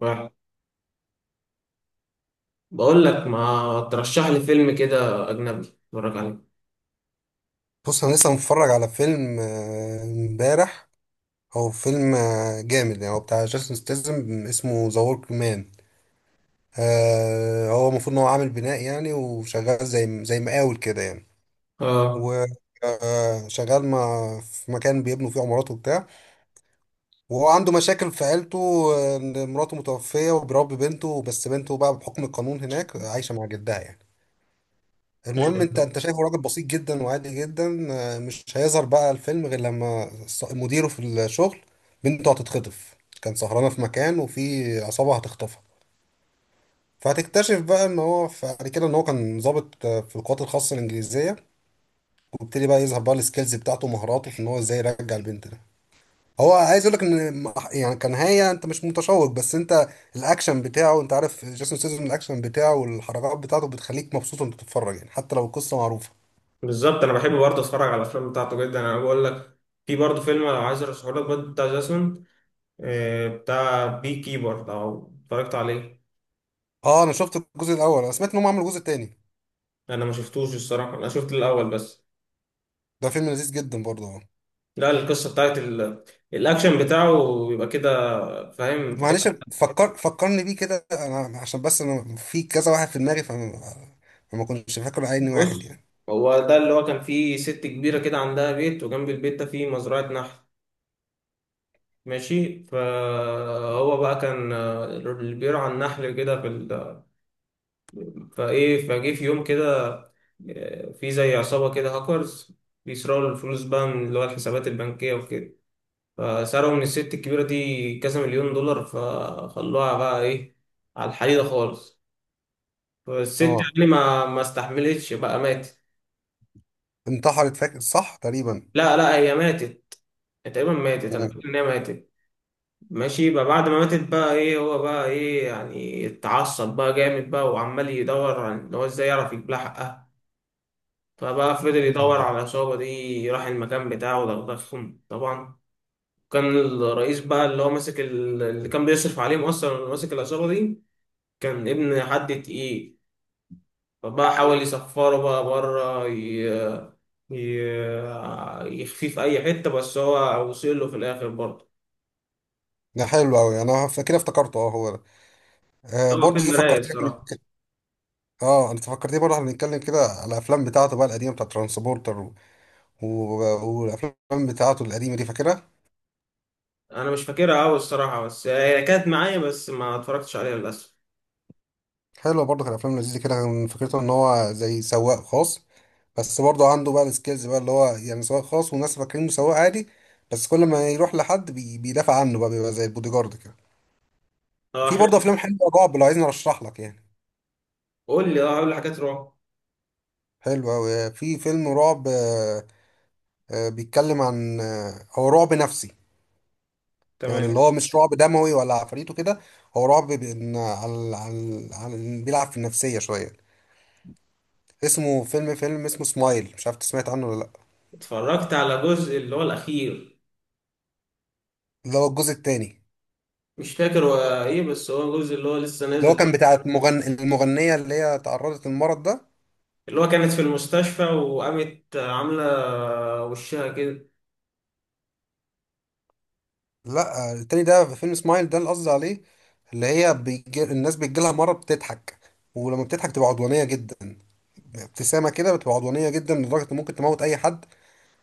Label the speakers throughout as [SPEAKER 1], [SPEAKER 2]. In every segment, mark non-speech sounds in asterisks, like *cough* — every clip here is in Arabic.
[SPEAKER 1] واحد، بقول لك ما ترشح لي فيلم كده اجنبي اتفرج عليه.
[SPEAKER 2] بص، انا لسه متفرج على فيلم، امبارح. هو فيلم، جامد يعني. هو بتاع جاستن ستيزم، اسمه ذا ورك مان. هو المفروض ان هو عامل بناء يعني، وشغال زي مقاول كده يعني.
[SPEAKER 1] اه،
[SPEAKER 2] و شغال مع في مكان بيبنوا فيه عمارات وبتاع، وهو عنده مشاكل في عيلته. ان مراته متوفية، وبيربي بنته، بس بنته بقى بحكم القانون هناك عايشة مع جدها يعني. المهم، انت شايفه راجل بسيط جدا وعادي جدا. مش هيظهر بقى الفيلم غير لما مديره في الشغل بنته هتتخطف. كان سهرانه في مكان، وفي عصابه هتخطفها. فهتكتشف بقى ان هو بعد كده ان هو كان ضابط في القوات الخاصه الانجليزيه. وابتدي بقى يظهر بقى السكيلز بتاعته ومهاراته في ان هو ازاي يرجع البنت ده. هو عايز اقول لك ان يعني، كان هي، انت مش متشوق، بس انت الاكشن بتاعه. انت عارف جيسون سيزون، الاكشن بتاعه والحركات بتاعته بتخليك مبسوط وانت بتتفرج، يعني حتى لو القصه معروفه.
[SPEAKER 1] بالظبط انا بحب برضه اتفرج على الافلام بتاعته جدا. انا بقول لك، في برضه فيلم لو عايز ارشحه لك برضه بتاع جاسون، بتاع بي كيبر لو اتفرجت عليه.
[SPEAKER 2] اه، انا شفت الجزء الاول. انا سمعت ان هم عملوا جزء تاني.
[SPEAKER 1] انا ما شفتوش الصراحه، انا شفت الاول بس.
[SPEAKER 2] ده فيلم لذيذ جدا برضه، اه.
[SPEAKER 1] لا، القصه بتاعت الاكشن بتاعه بيبقى كده، فاهم، في حته.
[SPEAKER 2] معلش، فكرني بيه كده. انا عشان بس انا في كذا واحد في دماغي، فما كنتش فاكر عيني واحد
[SPEAKER 1] بص،
[SPEAKER 2] يعني.
[SPEAKER 1] هو ده اللي هو كان فيه ست كبيره كده عندها بيت، وجنب البيت ده فيه مزرعه نحل. ماشي، فهو بقى كان، اللي بيرعى النحل كده في فايه فجه في يوم كده، في زي عصابة كده هاكرز بيسرقوا الفلوس بقى من اللي هو الحسابات البنكية وكده. فسرقوا من الست الكبيرة دي كذا مليون دولار، فخلوها بقى ايه، على الحديدة خالص. فالست
[SPEAKER 2] اه،
[SPEAKER 1] يعني ما استحملتش بقى، ماتت.
[SPEAKER 2] انتحرت، فاكر صح تقريبا.
[SPEAKER 1] لا لا، هي ماتت، تقريبا ماتت، انا
[SPEAKER 2] مم.
[SPEAKER 1] فاكر ان هي ماتت. ماشي، بقى بعد ما ماتت بقى ايه، هو بقى ايه يعني، اتعصب بقى جامد بقى، وعمال يدور عن ان هو ازاي يعرف يجيب لها حقها. فبقى فضل يدور على العصابة دي، راح المكان بتاعه ودغدغهم طبعا. كان الرئيس بقى اللي هو ماسك اللي كان بيصرف عليهم اصلا، اللي ماسك العصابة دي، كان ابن حد تقيل. فبقى حاول يسفره بقى بره، ي... يخفيه في اي حتة، بس هو وصل له في الاخر برضه.
[SPEAKER 2] ده حلو قوي، انا فاكر افتكرته، اه هو ده. آه،
[SPEAKER 1] هو
[SPEAKER 2] برضه انت
[SPEAKER 1] فيلم رايق
[SPEAKER 2] فكرتني
[SPEAKER 1] الصراحة.
[SPEAKER 2] إحنا- اه، انت فكرتني برضه، احنا بنتكلم كده على الافلام بتاعته بقى القديمه بتاعت ترانسبورتر و... والافلام بتاعته القديمه دي فاكرها.
[SPEAKER 1] انا مش فاكرها قوي الصراحه، بس هي كانت معايا بس ما اتفرجتش عليها للاسف.
[SPEAKER 2] حلوة برضه، كان أفلام لذيذة كده. كان فكرته إن هو زي سواق خاص، بس برضه عنده بقى السكيلز بقى، اللي هو يعني سواق خاص والناس فاكرينه سواق عادي. بس كل ما يروح لحد بيدافع عنه بقى، بيبقى زي البودي جارد كده.
[SPEAKER 1] اه
[SPEAKER 2] في برضه
[SPEAKER 1] حلو.
[SPEAKER 2] أفلام حلوة رعب لو عايزني أرشح لك يعني.
[SPEAKER 1] قول لي حاجات رعب.
[SPEAKER 2] حلو أوي. في فيلم رعب، بيتكلم عن، هو رعب نفسي يعني، اللي
[SPEAKER 1] تمام.
[SPEAKER 2] هو مش رعب دموي ولا عفريت وكده. هو رعب بإن، بيلعب في النفسية شوية. اسمه فيلم، اسمه سمايل، مش عارف إنت سمعت عنه ولا لأ.
[SPEAKER 1] اتفرجت على جزء اللي هو الاخير.
[SPEAKER 2] اللي هو الجزء التاني.
[SPEAKER 1] مش فاكر هو ايه، بس هو جزء اللي هو لسه
[SPEAKER 2] اللي هو
[SPEAKER 1] نازل.
[SPEAKER 2] كان بتاع المغنية اللي هي تعرضت للمرض ده.
[SPEAKER 1] اللي هو كانت في المستشفى وقامت عامله وشها كده.
[SPEAKER 2] لا، التاني ده، في فيلم سمايل ده اللي قصدي عليه. اللي هي الناس بيجيلها مرض بتضحك، ولما بتضحك تبقى عدوانية جدا. ابتسامة كده بتبقى عدوانية جدا لدرجة إن ممكن تموت أي حد.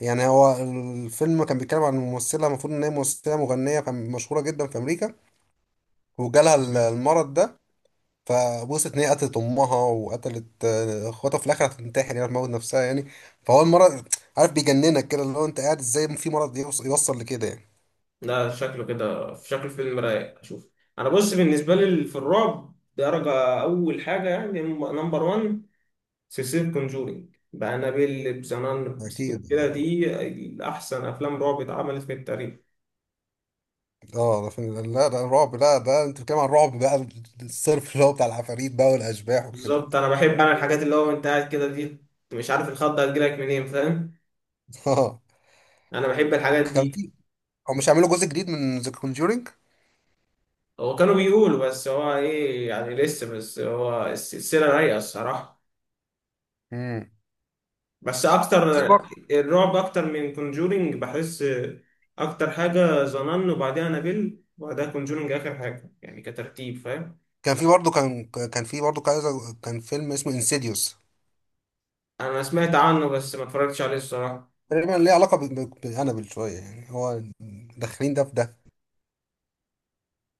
[SPEAKER 2] يعني هو الفيلم كان بيتكلم عن ممثلة، المفروض إن هي ممثلة مغنية كان مشهورة جدا في أمريكا، وجالها المرض ده. فوصلت ان هي قتلت امها، وقتلت اخواتها، في الاخر هتنتحر يعني، تموت نفسها يعني. فهو المرض، عارف، بيجننك كده، اللي هو انت قاعد ازاي في مرض يوصل لكده يعني.
[SPEAKER 1] ده شكله كده في شكل فيلم رايق، اشوف. انا بص، بالنسبه لي في الرعب، درجه اول حاجه يعني، نمبر 1 سلسلة كونجورينج بأنابيل بزنان.
[SPEAKER 2] اكيد.
[SPEAKER 1] كده دي أحسن أفلام رعب اتعملت في التاريخ.
[SPEAKER 2] اه، ده لا، ده الرعب. لا، ده انت بتتكلم عن الرعب بقى الصرف، اللي هو بتاع العفاريت بقى والاشباح وكده.
[SPEAKER 1] بالظبط، أنا بحب أنا الحاجات اللي هو أنت قاعد كده دي، أنت مش عارف الخضة هتجيلك منين، فاهم.
[SPEAKER 2] *laughs* اه.
[SPEAKER 1] أنا بحب الحاجات
[SPEAKER 2] كان
[SPEAKER 1] دي.
[SPEAKER 2] في، هو مش هيعملوا جزء جديد من ذا كونجورينج؟
[SPEAKER 1] هو كانوا بيقولوا، بس هو إيه يعني لسه، بس هو السلسلة رايقة الصراحة.
[SPEAKER 2] امم.
[SPEAKER 1] بس أكتر،
[SPEAKER 2] في برضه
[SPEAKER 1] الرعب أكتر من كونجورينج بحس. أكتر حاجة زنان، وبعديها أنابيل، وبعدها كونجورينج آخر حاجة يعني، كترتيب، فاهم.
[SPEAKER 2] كان في برضه كان كان في برضه كذا كان فيلم اسمه انسيديوس.
[SPEAKER 1] أنا سمعت عنه بس ما اتفرجتش عليه الصراحة.
[SPEAKER 2] تقريبا ليه علاقه بانابل شويه يعني، هو داخلين ده في ده.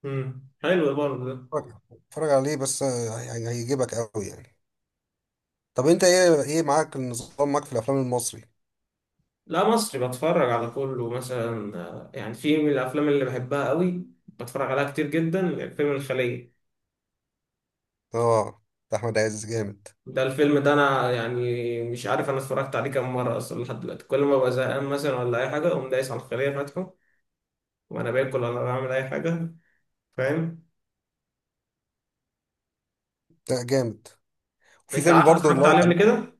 [SPEAKER 1] مم. حلو برضه ده.
[SPEAKER 2] اتفرج، عليه بس، يعني هيجيبك قوي يعني. طب انت ايه معاك النظام، معاك في الافلام المصري؟
[SPEAKER 1] لا، مصري بتفرج على كله مثلا، يعني في من الافلام اللي بحبها قوي بتفرج عليها كتير جدا فيلم الخلية.
[SPEAKER 2] اه، ده احمد عز جامد.
[SPEAKER 1] ده الفيلم ده انا يعني، مش عارف انا اتفرجت عليه كام مره اصلا لحد دلوقتي. كل ما ببقى زهقان مثلا ولا اي حاجه اقوم دايس على الخلية فاتحه، وانا باكل ولا بعمل اي حاجه، فاهم.
[SPEAKER 2] لا، جامد. وفي
[SPEAKER 1] انت
[SPEAKER 2] فيلم
[SPEAKER 1] عارف
[SPEAKER 2] برضه اللي
[SPEAKER 1] اتفرجت
[SPEAKER 2] هو
[SPEAKER 1] عليه قبل
[SPEAKER 2] كان.
[SPEAKER 1] كده.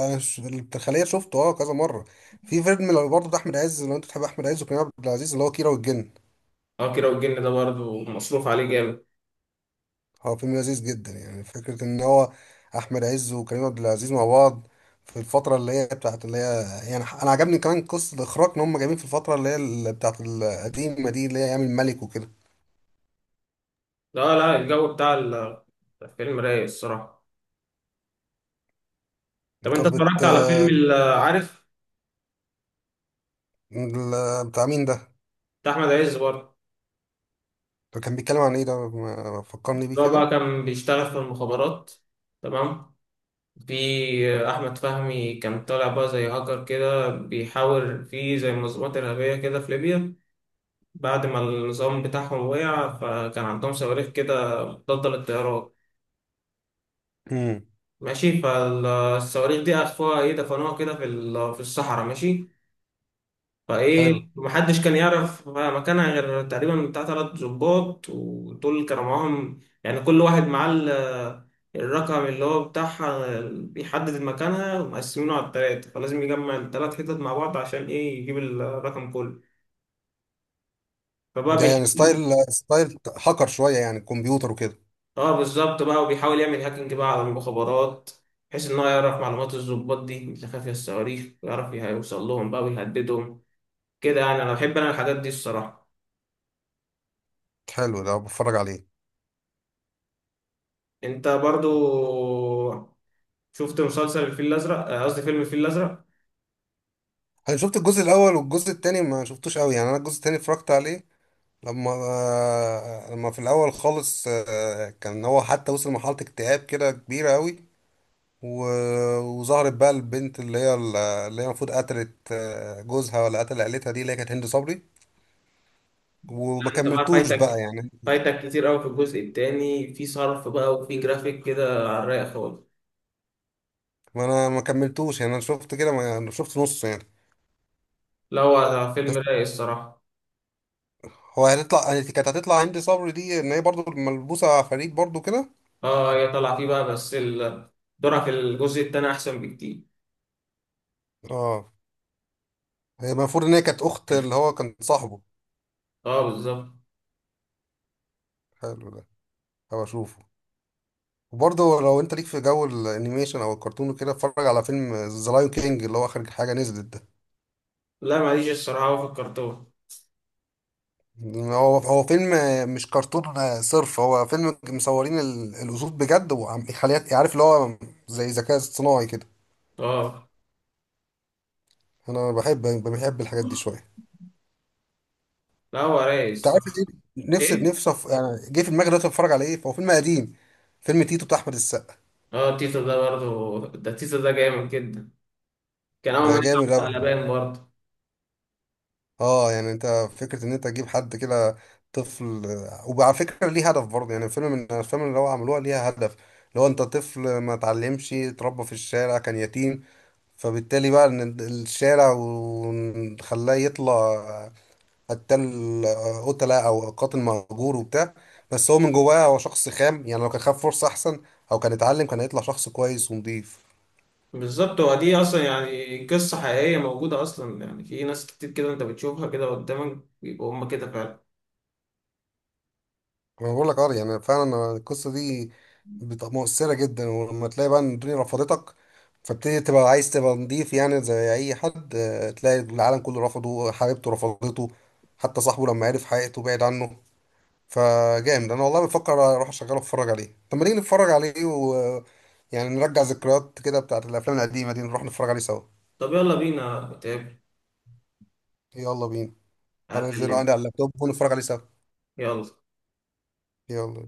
[SPEAKER 2] انا الخلية شفته اه كذا مرة. في فيلم اللي برضه ده احمد عز، لو انت بتحب احمد عز وكريم عبد العزيز، اللي هو كيرة والجن.
[SPEAKER 1] اه كده، والجن ده برضه مصروف عليه جامد.
[SPEAKER 2] هو فيلم لذيذ جدا، يعني فكرة ان هو احمد عز وكريم عبد العزيز مع بعض في الفترة اللي هي بتاعت اللي هي، يعني انا عجبني كمان قصة الاخراج ان هم جايبين في الفترة اللي هي بتاعت القديمة دي، اللي هي ايام الملك وكده.
[SPEAKER 1] لا لا، الجو بتاع الفيلم رايق الصراحه. طب انت
[SPEAKER 2] طب
[SPEAKER 1] اتفرجت على فيلم عارف،
[SPEAKER 2] بتاع مين ده؟
[SPEAKER 1] بتاع احمد عز برضه.
[SPEAKER 2] ده كان بيتكلم عن ايه ده؟ فكرني بيه
[SPEAKER 1] هو
[SPEAKER 2] كده.
[SPEAKER 1] بقى كان بيشتغل في المخابرات، تمام. في أحمد فهمي كان طالع بقى زي هاكر كده، بيحاول في زي منظمات إرهابية كده في ليبيا بعد ما النظام بتاعهم وقع. فكان عندهم صواريخ كده مضادة للطيران،
[SPEAKER 2] امم.
[SPEAKER 1] ماشي. فالصواريخ دي أخفوها، إيه، دفنوها كده في في الصحراء، ماشي.
[SPEAKER 2] حلو
[SPEAKER 1] فايه محدش كان يعرف مكانها، غير تقريبا بتاع تلات ظباط. ودول كانوا معاهم يعني، كل واحد معاه الرقم اللي هو بتاعها بيحدد مكانها، ومقسمينه على التلاتة، فلازم يجمع التلات حتت مع بعض عشان ايه، يجيب الرقم كله. فبقى
[SPEAKER 2] ده. يعني
[SPEAKER 1] بيحاول،
[SPEAKER 2] ستايل هاكر شوية، يعني كمبيوتر وكده.
[SPEAKER 1] اه بالظبط بقى، وبيحاول يعمل هاكينج بقى على المخابرات، بحيث ان هو يعرف معلومات الظباط دي اللي خافية الصواريخ، ويعرف يوصل لهم بقى ويهددهم كده يعني. انا بحب انا الحاجات دي الصراحة.
[SPEAKER 2] حلو ده، بتفرج عليه.
[SPEAKER 1] انت برضو شفت مسلسل الفيل الازرق، قصدي فيلم الفيل الازرق.
[SPEAKER 2] انا شفت الجزء الاول، والجزء التاني ما شفتوش قوي يعني. انا الجزء التاني اتفرجت عليه لما في الاول خالص، كان هو حتى وصل لمرحلة اكتئاب كده كبيرة قوي، و... وظهرت بقى البنت اللي هي المفروض قتلت جوزها، ولا قتل عيلتها دي، اللي هي كانت هند صبري. وما
[SPEAKER 1] انت بقى
[SPEAKER 2] كملتوش بقى
[SPEAKER 1] فايتك
[SPEAKER 2] يعني.
[SPEAKER 1] فايتك كتير قوي في الجزء التاني. في صرف بقى، وفي جرافيك كده على الرايق خالص.
[SPEAKER 2] ما انا ما كملتوش يعني، انا شفت كده، ما يعني، شفت نص يعني.
[SPEAKER 1] لا، هو
[SPEAKER 2] بس
[SPEAKER 1] فيلم رايق الصراحه.
[SPEAKER 2] هو هتطلع، هي كانت هتطلع هندي صبري دي ان هي برضو ملبوسه فريد برضو كده.
[SPEAKER 1] اه، هي طالعه فيه بقى، بس دورها في الجزء التاني احسن بكتير.
[SPEAKER 2] اه، هي المفروض ان هي كانت اخت اللي هو كان صاحبه.
[SPEAKER 1] اه بالظبط.
[SPEAKER 2] حلو ده، هبقى اشوفه. وبرضه لو انت ليك في جو الانيميشن او الكرتون وكده، اتفرج على فيلم ذا لايون كينج اللي هو اخر حاجه نزلت ده.
[SPEAKER 1] لا، ماليش الصراحه هو في الكرتون.
[SPEAKER 2] هو فيلم، مش كرتون. صرف هو فيلم مصورين الاسود بجد، يخليها عارف، اللي هو زي ذكاء اصطناعي كده.
[SPEAKER 1] اه.
[SPEAKER 2] انا بحب الحاجات دي شويه.
[SPEAKER 1] لا، هو رايق
[SPEAKER 2] انت عارف
[SPEAKER 1] الصراحه.
[SPEAKER 2] ايه، نفسي
[SPEAKER 1] ايه.
[SPEAKER 2] نفسي يعني جه في دماغي دلوقتي اتفرج على ايه، فهو فيلم قديم. فيلم تيتو بتاع احمد السقا.
[SPEAKER 1] اه، تيتو، ده برضه ده تيتو ده جامد جدا. كان اول
[SPEAKER 2] ده
[SPEAKER 1] ما
[SPEAKER 2] جامد
[SPEAKER 1] نطلع
[SPEAKER 2] اوي.
[SPEAKER 1] على بالي برضه.
[SPEAKER 2] اه، يعني انت، فكره ان انت تجيب حد كده طفل، وعلى فكره ليه هدف برضه يعني. الفيلم من الافلام اللي هو عملوها ليها هدف، اللي هو انت طفل ما اتعلمش، اتربى في الشارع، كان يتيم، فبالتالي بقى ان الشارع وخلاه يطلع قتال، قتلة او قاتل مأجور وبتاع. بس هو من جواه هو شخص خام يعني، لو كان خد فرصة احسن او كان اتعلم، كان هيطلع شخص كويس ونضيف.
[SPEAKER 1] بالظبط، هو دي اصلا يعني قصة حقيقية موجودة اصلا. يعني في ناس كتير كده انت بتشوفها كده قدامك، بيبقوا هما كده فعلا.
[SPEAKER 2] انا بقول لك اه، يعني فعلا القصة دي مؤثرة جدا. ولما تلاقي بقى ان الدنيا رفضتك، فبتبتدي تبقى عايز تبقى نضيف يعني. زي اي حد تلاقي العالم كله رفضه، حبيبته رفضته، حتى صاحبه لما عرف حقيقته بعد عنه. فجامد، انا والله بفكر اروح اشغله اتفرج عليه. طب ما نيجي نتفرج عليه، و يعني نرجع ذكريات كده بتاعت الافلام القديمه دي، نروح نتفرج عليه سوا.
[SPEAKER 1] طب يلا بينا نتقابل.
[SPEAKER 2] يلا بينا. هنزله
[SPEAKER 1] هكلمك.
[SPEAKER 2] عندي على اللابتوب ونتفرج عليه سوا.
[SPEAKER 1] يلا.
[SPEAKER 2] يلا.